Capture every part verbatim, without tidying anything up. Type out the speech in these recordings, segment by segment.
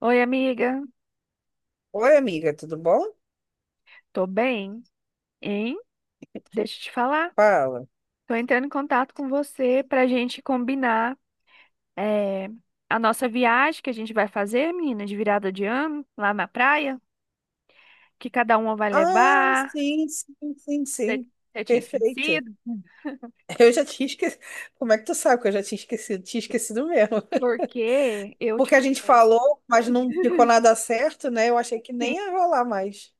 Oi, amiga. Oi, amiga, tudo bom? Tô bem, hein? Deixa eu te falar. Fala. Tô entrando em contato com você pra gente combinar eh, a nossa viagem que a gente vai fazer, menina, de virada de ano, lá na praia, que cada uma vai Ah, levar. sim, sim, sim, Você sim. você tinha Perfeito. esquecido? Eu já tinha esquecido. Como é que tu sabe que eu já tinha esquecido? Tinha esquecido mesmo. Porque eu te Porque a gente conheço. falou, mas não ficou nada certo, né? Eu achei que Sim, nem ia rolar mais.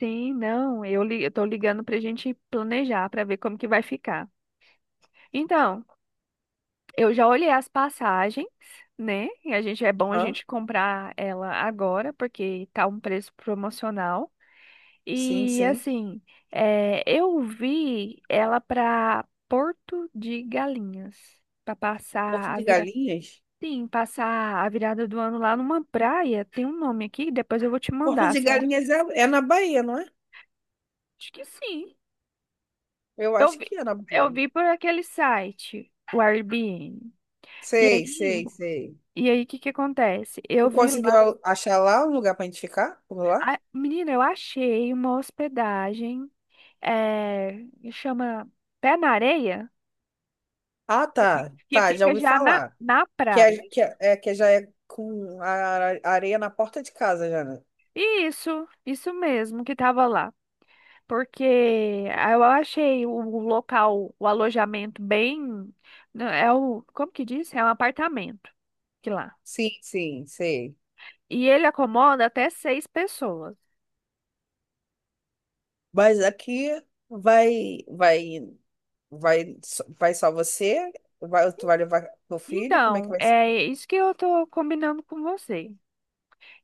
sim, não. Eu, li- eu tô ligando pra gente planejar, pra ver como que vai ficar. Então. Eu já olhei as passagens, né? E a gente é bom a Hã? gente comprar ela agora, porque tá um preço promocional. Sim, E sim. assim, é, eu vi ela para Porto de Galinhas, para Porto passar a de virada, Galinhas? sim, passar a virada do ano lá numa praia. Tem um nome aqui, depois eu vou te Porto mandar, de certo? Galinhas é, é na Bahia, não é? Acho que sim. Eu Eu acho vi, que é na eu Bahia. vi por aquele site, o Airbnb. E Sei, aí, sei, sei. e aí, o que que acontece? Eu Tu vi. conseguiu achar lá um lugar pra gente ficar? Por lá? Ah, menina, eu achei uma hospedagem, eh, que chama Pé na Areia, Ah, tá. que Tá, já fica ouvi já na, falar. na Que, praia. É, que, já. é, é, que já é com a are- areia na porta de casa, já, né? Isso, isso mesmo que tava lá. Porque eu achei o o local, o alojamento bem. Né, é o, como que diz? É um apartamento que lá. Sim, sim, sei. E ele acomoda até seis pessoas. Mas aqui vai, vai, vai, só- vai só você? Vai, tu vai levar teu filho? Como é que Então, vai ser? é isso que eu tô combinando com você.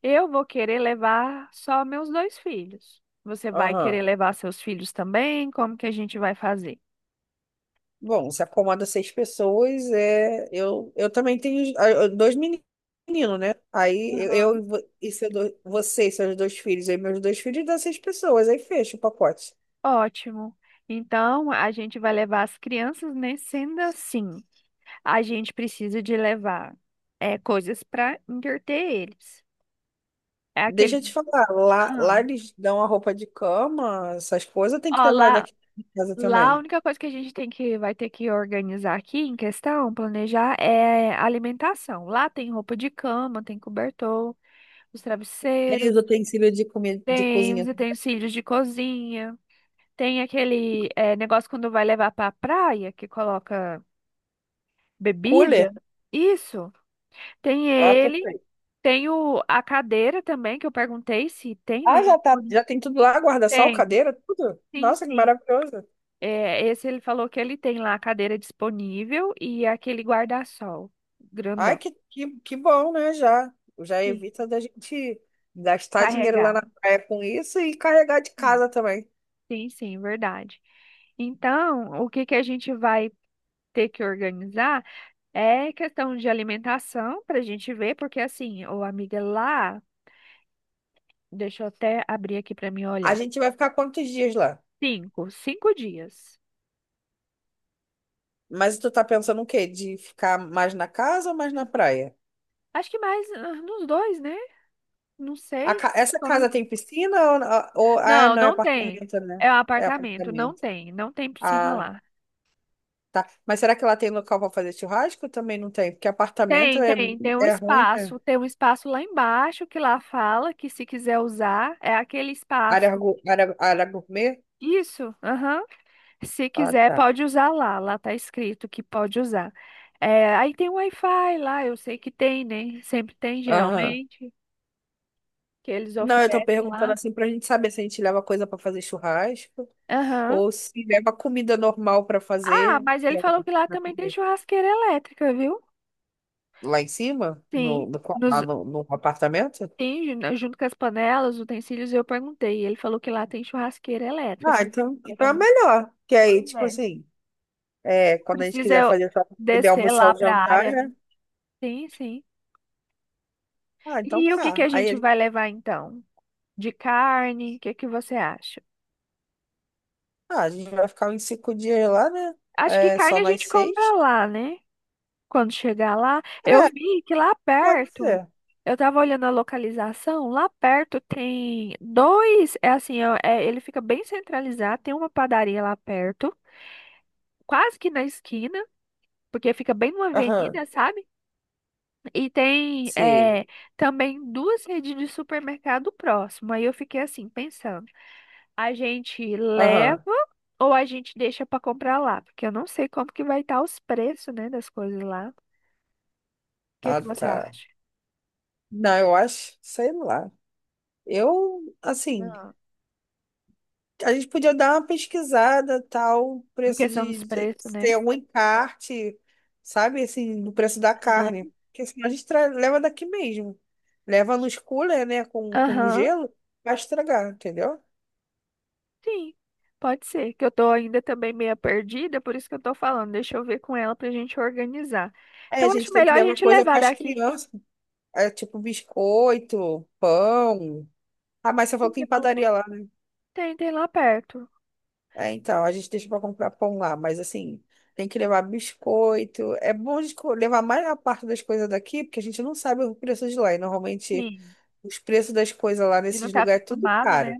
Eu vou querer levar só meus dois filhos. Você vai Aham. querer levar seus filhos também? Como que a gente vai fazer? Bom, se acomoda seis pessoas, é, eu, eu também tenho ah, eu- dois meninos, né? Aí eu, eu e Aham. vo- e seu do- você e seus dois filhos, aí meus dois filhos dá seis pessoas, aí fecha o pacote. Ótimo. Então, a gente vai levar as crianças, né? Sendo assim, a gente precisa de levar é, coisas para entreter eles. É Deixa aquele. eu te falar, lá, Ah, lá eles dão a roupa de cama, essas coisas tem que ó, levar lá, daqui de casa lá a também. única coisa que a gente tem que vai ter que organizar aqui em questão, planejar, é a alimentação. Lá tem roupa de cama, tem cobertor, os Tem travesseiros. os utensílios de comida, de Tem os cozinha. utensílios de cozinha, tem aquele eh, negócio quando vai levar para a praia, que coloca bebida. Cooler? Isso. Tem Ah, ele, perfeito. tem o, a cadeira também, que eu perguntei se tem, né? Ah, já tá, Disponível. já tem tudo lá, guarda-sol, Tem, cadeira, tudo. sim, Nossa, que sim. maravilhoso. É, esse ele falou que ele tem lá a cadeira disponível e aquele guarda-sol Ai, grandão. que, que, que bom, né? Já, já Sim. evita da gente gastar dinheiro lá Carregar. na praia com isso e carregar de Hum, casa também. Sim, sim, verdade. Então, o que que a gente vai ter que organizar? É questão de alimentação para a gente ver, porque assim, ô amiga, lá, deixa eu até abrir aqui para mim A olhar. gente vai ficar quantos dias lá? Cinco, cinco dias. Mas tu tá pensando o quê? De ficar mais na casa ou mais na praia? Acho que mais ah, nos dois, né? Não A sei. ca- Essa casa Come- tem piscina ou, ou- ah, Não, não, é não tem. apartamento, né? É um É apartamento, não apartamento. tem, não tem piscina Ah, lá. tá. Mas será que ela tem local para fazer churrasco? Também não tem, porque apartamento Tem, é, tem, tem um é ruim, né? espaço, tem um espaço lá embaixo que lá fala que se quiser usar, é aquele Área, espaço. gu- área, área gourmet? Isso, aham. Se Ah, quiser, tá. pode usar lá. Lá tá escrito que pode usar. É, aí tem Wi-Fi lá, eu sei que tem, né? Sempre tem, Aham. geralmente, que eles Não, eu tô oferecem perguntando lá. assim pra gente saber se a gente leva coisa para fazer churrasco Aham. ou se leva comida normal para Ah, fazer, mas ele falou que lá para também tem comer. churrasqueira elétrica, viu? Lá em cima? Sim. No, no, qua- lá Nos, no, no apartamento? tem, ju- né, junto com as panelas, utensílios, eu perguntei. Ele falou que lá tem churrasqueira elétrica. Ah, Se ele então, quiser então é também. melhor. Que aí, Pois tipo é. assim. É, quando a gente Precisa quiser eu fazer só pra poder descer almoçar lá ou pra jantar, área, né? né? Sim, sim. Ah, então E o que que a tá. Aí gente ele, vai levar então? De carne, o que que você acha? ah, a gente vai ficar uns cinco dias lá, né? Acho que É, carne só a nós gente compra seis? lá, né? Quando chegar lá, eu É, vi que lá pode perto, ser. eu tava olhando a localização, lá perto tem dois, é assim, ó, é, ele fica bem centralizado, tem uma padaria lá perto, quase que na esquina, porque fica bem numa Aham, avenida, sabe? E tem sei. é, também duas redes de supermercado próximo. Aí eu fiquei assim, pensando. A gente leva Aham, ou a gente deixa para comprar lá? Porque eu não sei como que vai estar os preços, né, das coisas lá. O que ah, que você tá. acha? Não, eu acho, sei lá. Eu, assim, Ah, a gente podia dar uma pesquisada, tal, em preço questão de, dos de preços, se né? tem algum encarte, sabe, assim, no preço da carne. Aham. Porque senão a gente tra- leva daqui mesmo. Leva nos cooler, né, com, com Aham, gelo, vai estragar, entendeu? sim. Pode ser, que eu tô ainda também meio perdida, por isso que eu tô falando. Deixa eu ver com ela pra gente organizar. É, a Então, gente acho tem que melhor a levar gente coisa levar para as daqui. crianças, é, tipo biscoito, pão. Ah, mas você falou que Você tem falou, pô. padaria lá, né? Tem, tem lá perto. É, então, a gente deixa para comprar pão lá, mas assim, tem que levar biscoito. É bom de co- levar mais a parte das coisas daqui, porque a gente não sabe o preço de lá. E normalmente Sim. os preços das coisas lá E não nesses tá lugares, é tudo acostumado, né? caro.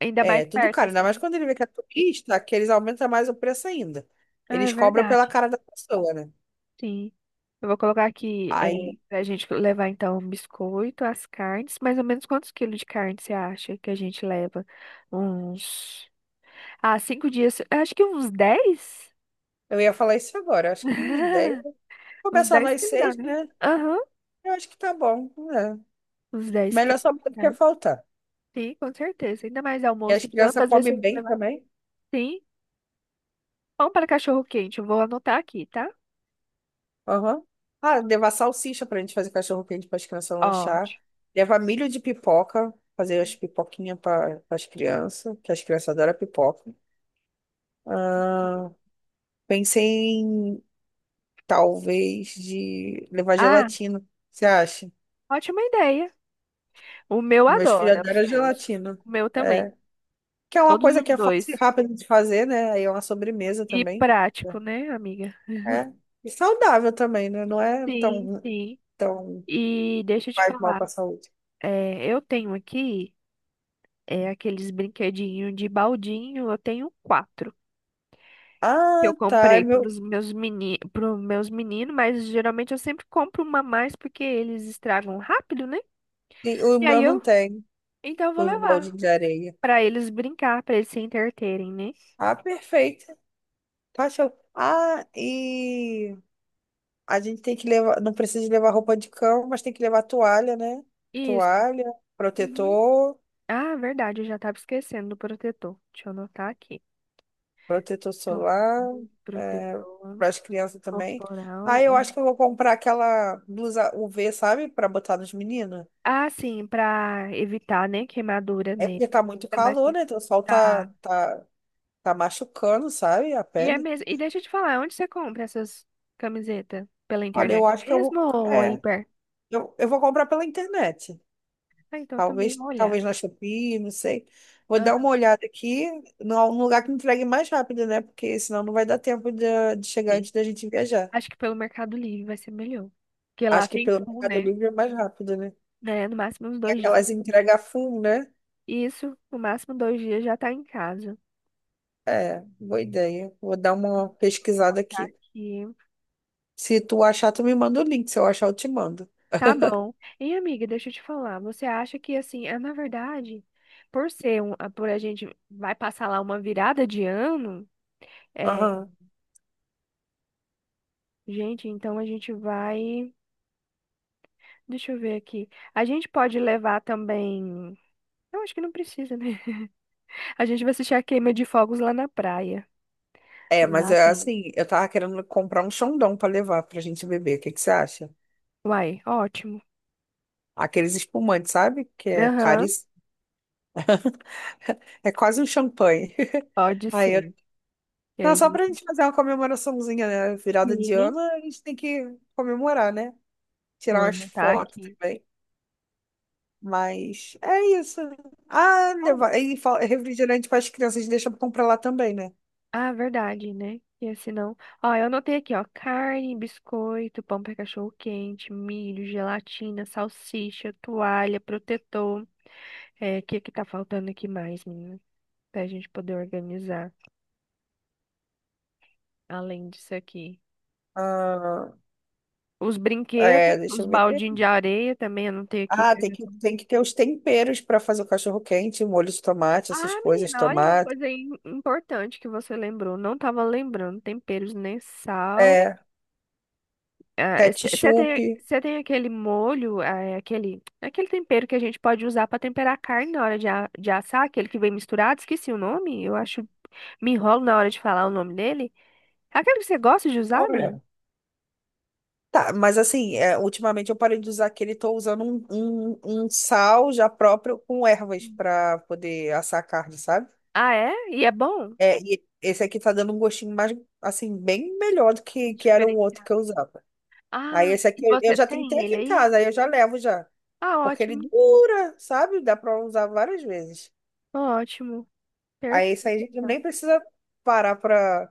Ainda mais É, tudo perto, caro. Ainda mais assim. quando ele vê que é turista, que eles aumentam mais o preço ainda. Ah, é Eles cobram pela verdade. cara da pessoa, né? Sim. Eu vou colocar aqui é, Aí, pra gente levar então biscoito, as carnes. Mais ou menos quantos quilos de carne você acha que a gente leva? Uns. Ah, cinco dias. Eu acho que uns dez. eu ia falar isso agora. Acho que uns dez. Uns Começar dez nós quilos dá, seis, né? né? Aham. Eu acho que tá bom, né? Uns dez Melhor quilos de sobrar do que carne. faltar. Sim, com certeza. Ainda mais E as almoço e janta, crianças às vezes você comem vai bem levar. também. Sim. Pão para cachorro quente. Eu vou anotar aqui, tá? Aham. Ah, levar salsicha pra gente fazer cachorro quente para as crianças lanchar. Ótimo. Levar milho de pipoca. Fazer as pipoquinhas para as crianças, que as crianças adoram pipoca. Ah, pensei em talvez de levar Ah, gelatina. Você acha? ótima ideia. O meu Meus filhos adora, os adoram meus. gelatina. O meu também. É. Que é uma Todos coisa os que é fácil e dois. rápida de fazer, né? Aí é uma sobremesa E também. prático, né, amiga? É. É. E saudável também, né? Não é Sim, tão, sim. tão E deixa eu te faz mal falar, para a saúde. é, eu tenho aqui é, aqueles brinquedinhos de baldinho, eu tenho quatro. Que Ah, eu tá. E comprei para meu, os meus meni, pros meus meninos, mas geralmente eu sempre compro uma a mais porque eles estragam rápido, né? e o E aí meu não eu, tem então eu vou os levar moldes de areia. para eles brincar, para eles se entreterem, né? Ah, perfeito. Tá show. Ah, e a gente tem que levar, não precisa levar roupa de cama, mas tem que levar toalha, né? Isso. Toalha, Uhum. protetor, Ah, verdade, eu já tava esquecendo do protetor. Deixa eu anotar aqui. protetor Tô- solar, é, Protetor. para as crianças também. Corporal. Aí eu acho Uhum. que eu vou comprar aquela blusa U V, sabe? Para botar nos meninos. Ah, sim, pra evitar, né, queimadura É nele. porque tá muito Ainda mais calor, que né? Então, o sol tá, tá. tá, tá machucando, sabe? A E é pele. mesmo. E deixa eu te falar, onde você compra essas camisetas? Pela Olha, eu internet acho que eu mesmo vou. ou aí É, perto? eu, eu vou comprar pela internet. Ah, então também Talvez, vou olhar. talvez na Shopee, não sei. Vou dar uma Aham, olhada aqui num lugar que me entregue mais rápido, né? Porque senão não vai dar tempo de, de chegar sim. antes da gente viajar. Acho que pelo Mercado Livre vai ser melhor. Porque lá Acho que tem pelo full, Mercado né? Livre é mais rápido, né? Né? No máximo uns E dois dias. aquelas entrega full, né? Isso, no máximo dois dias já tá em casa. É, boa ideia. Vou dar uma Deixa eu pesquisada colocar aqui. aqui. Se tu achar, tu me manda o link. Se eu achar, eu te mando. Tá bom. E amiga, deixa eu te falar, você acha que assim, é na verdade, por ser um, a- por a gente vai passar lá uma virada de ano, é, Aham. gente, então a gente vai, deixa eu ver aqui. A gente pode levar também, eu acho que não precisa, né? A gente vai assistir a queima de fogos lá na praia. É, mas Lá é tem. assim, eu tava querendo comprar um Xandão pra levar pra gente beber. O que que você acha? Uai, ótimo. Aqueles espumantes, sabe? Que é Aham, caríssimo. É quase um champanhe. pode Aí eu... ser. E Não, a só pra gente, gente fazer uma comemoraçãozinha, né? Virada de sim, ano, a gente tem que comemorar, né? Tirar umas vamos estar fotos aqui. também. Mas é isso. Ah, levar... e fal- refrigerante para as crianças, deixa pra comprar lá também, né? Ah, verdade, né? E senão. Ó, eu anotei aqui, ó. Carne, biscoito, pão para cachorro quente, milho, gelatina, salsicha, toalha, protetor. É, o que é que tá faltando aqui mais, menina? Pra gente poder organizar, além disso aqui. Ah, Os brinquedos, é, deixa os eu ver. baldinhos de areia também, eu anotei aqui. Ah, Que eu tem já... que, tô- tem que ter os temperos para fazer o cachorro-quente, molho de tomate, essas Ah, coisas, menina, olha uma tomate, coisa aí importante que você lembrou. Não tava lembrando. Temperos nem sal. é, Você ketchup. tem, cê tem aquele molho, ah, é aquele, é aquele tempero que a gente pode usar para temperar a carne na hora de, a- de assar, aquele que vem misturado, esqueci o nome, eu acho, me enrolo na hora de falar o nome dele. Aquele que você gosta de usar, menina? Olha. Tá, mas assim, é, ultimamente eu parei de usar aquele, tô usando um, um, um sal já próprio com ervas para poder assar a carne, sabe? Ah, é? E é bom? É, e esse aqui tá dando um gostinho mais, assim, bem melhor do que, que era o outro que Diferenciado. eu usava. Aí Ah, esse aqui e eu eu você já tenho até tem aqui ele em aí? casa, aí eu já levo já, Ah, porque ele ótimo, dura, sabe? Dá pra usar várias vezes. ótimo, Aí esse perfeito, aí a gente então. nem precisa parar pra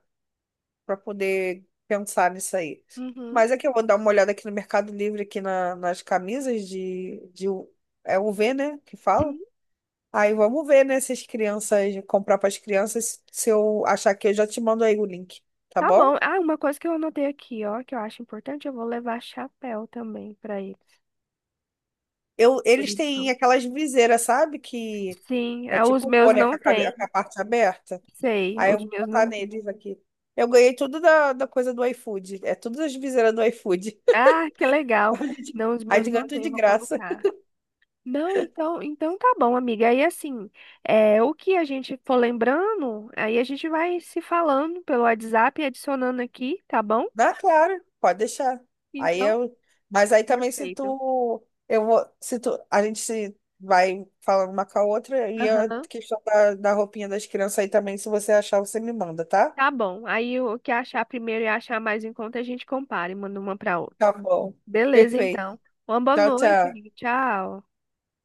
para poder pensar nisso aí. Uhum. Mas é que eu vou dar uma olhada aqui no Mercado Livre, aqui na- nas camisas de, de. U- é U V, né? Que Sim. fala. Aí vamos ver, né? Se as crianças. Comprar para as crianças. Se eu achar que eu já te mando aí o link, tá Tá bom? bom. Ah, uma coisa que eu anotei aqui, ó, que eu acho importante, eu vou levar chapéu também para eles. Eu, eles têm Bonito. aquelas viseiras, sabe? Que Sim, é ah, os tipo um meus boné com não a, cabe- com a tem. parte aberta. Sei, Aí eu os vou meus botar não tem. neles aqui. Eu ganhei tudo da, da coisa do iFood. É todas as viseiras do iFood. Ah, que legal. A gente, Não, os a meus gente ganha não tudo tem, de vou graça. colocar. Não, então, então tá bom, amiga. Aí assim, é, o que a gente for lembrando, aí a gente vai se falando pelo WhatsApp e adicionando aqui, tá bom? Dá, claro, pode deixar. Aí Então, eu, mas aí também se perfeito. tu, eu vou, se tu, a gente se vai falando uma com a outra e a Aham. questão da, da roupinha das crianças aí também, se você achar, você me manda, tá? Tá bom. Aí o que achar primeiro e achar mais em conta, a gente compara e manda uma pra outra. Tá bom. Beleza, Perfeito. então. Uma boa Tchau, noite, tchau. amiga. Tchau.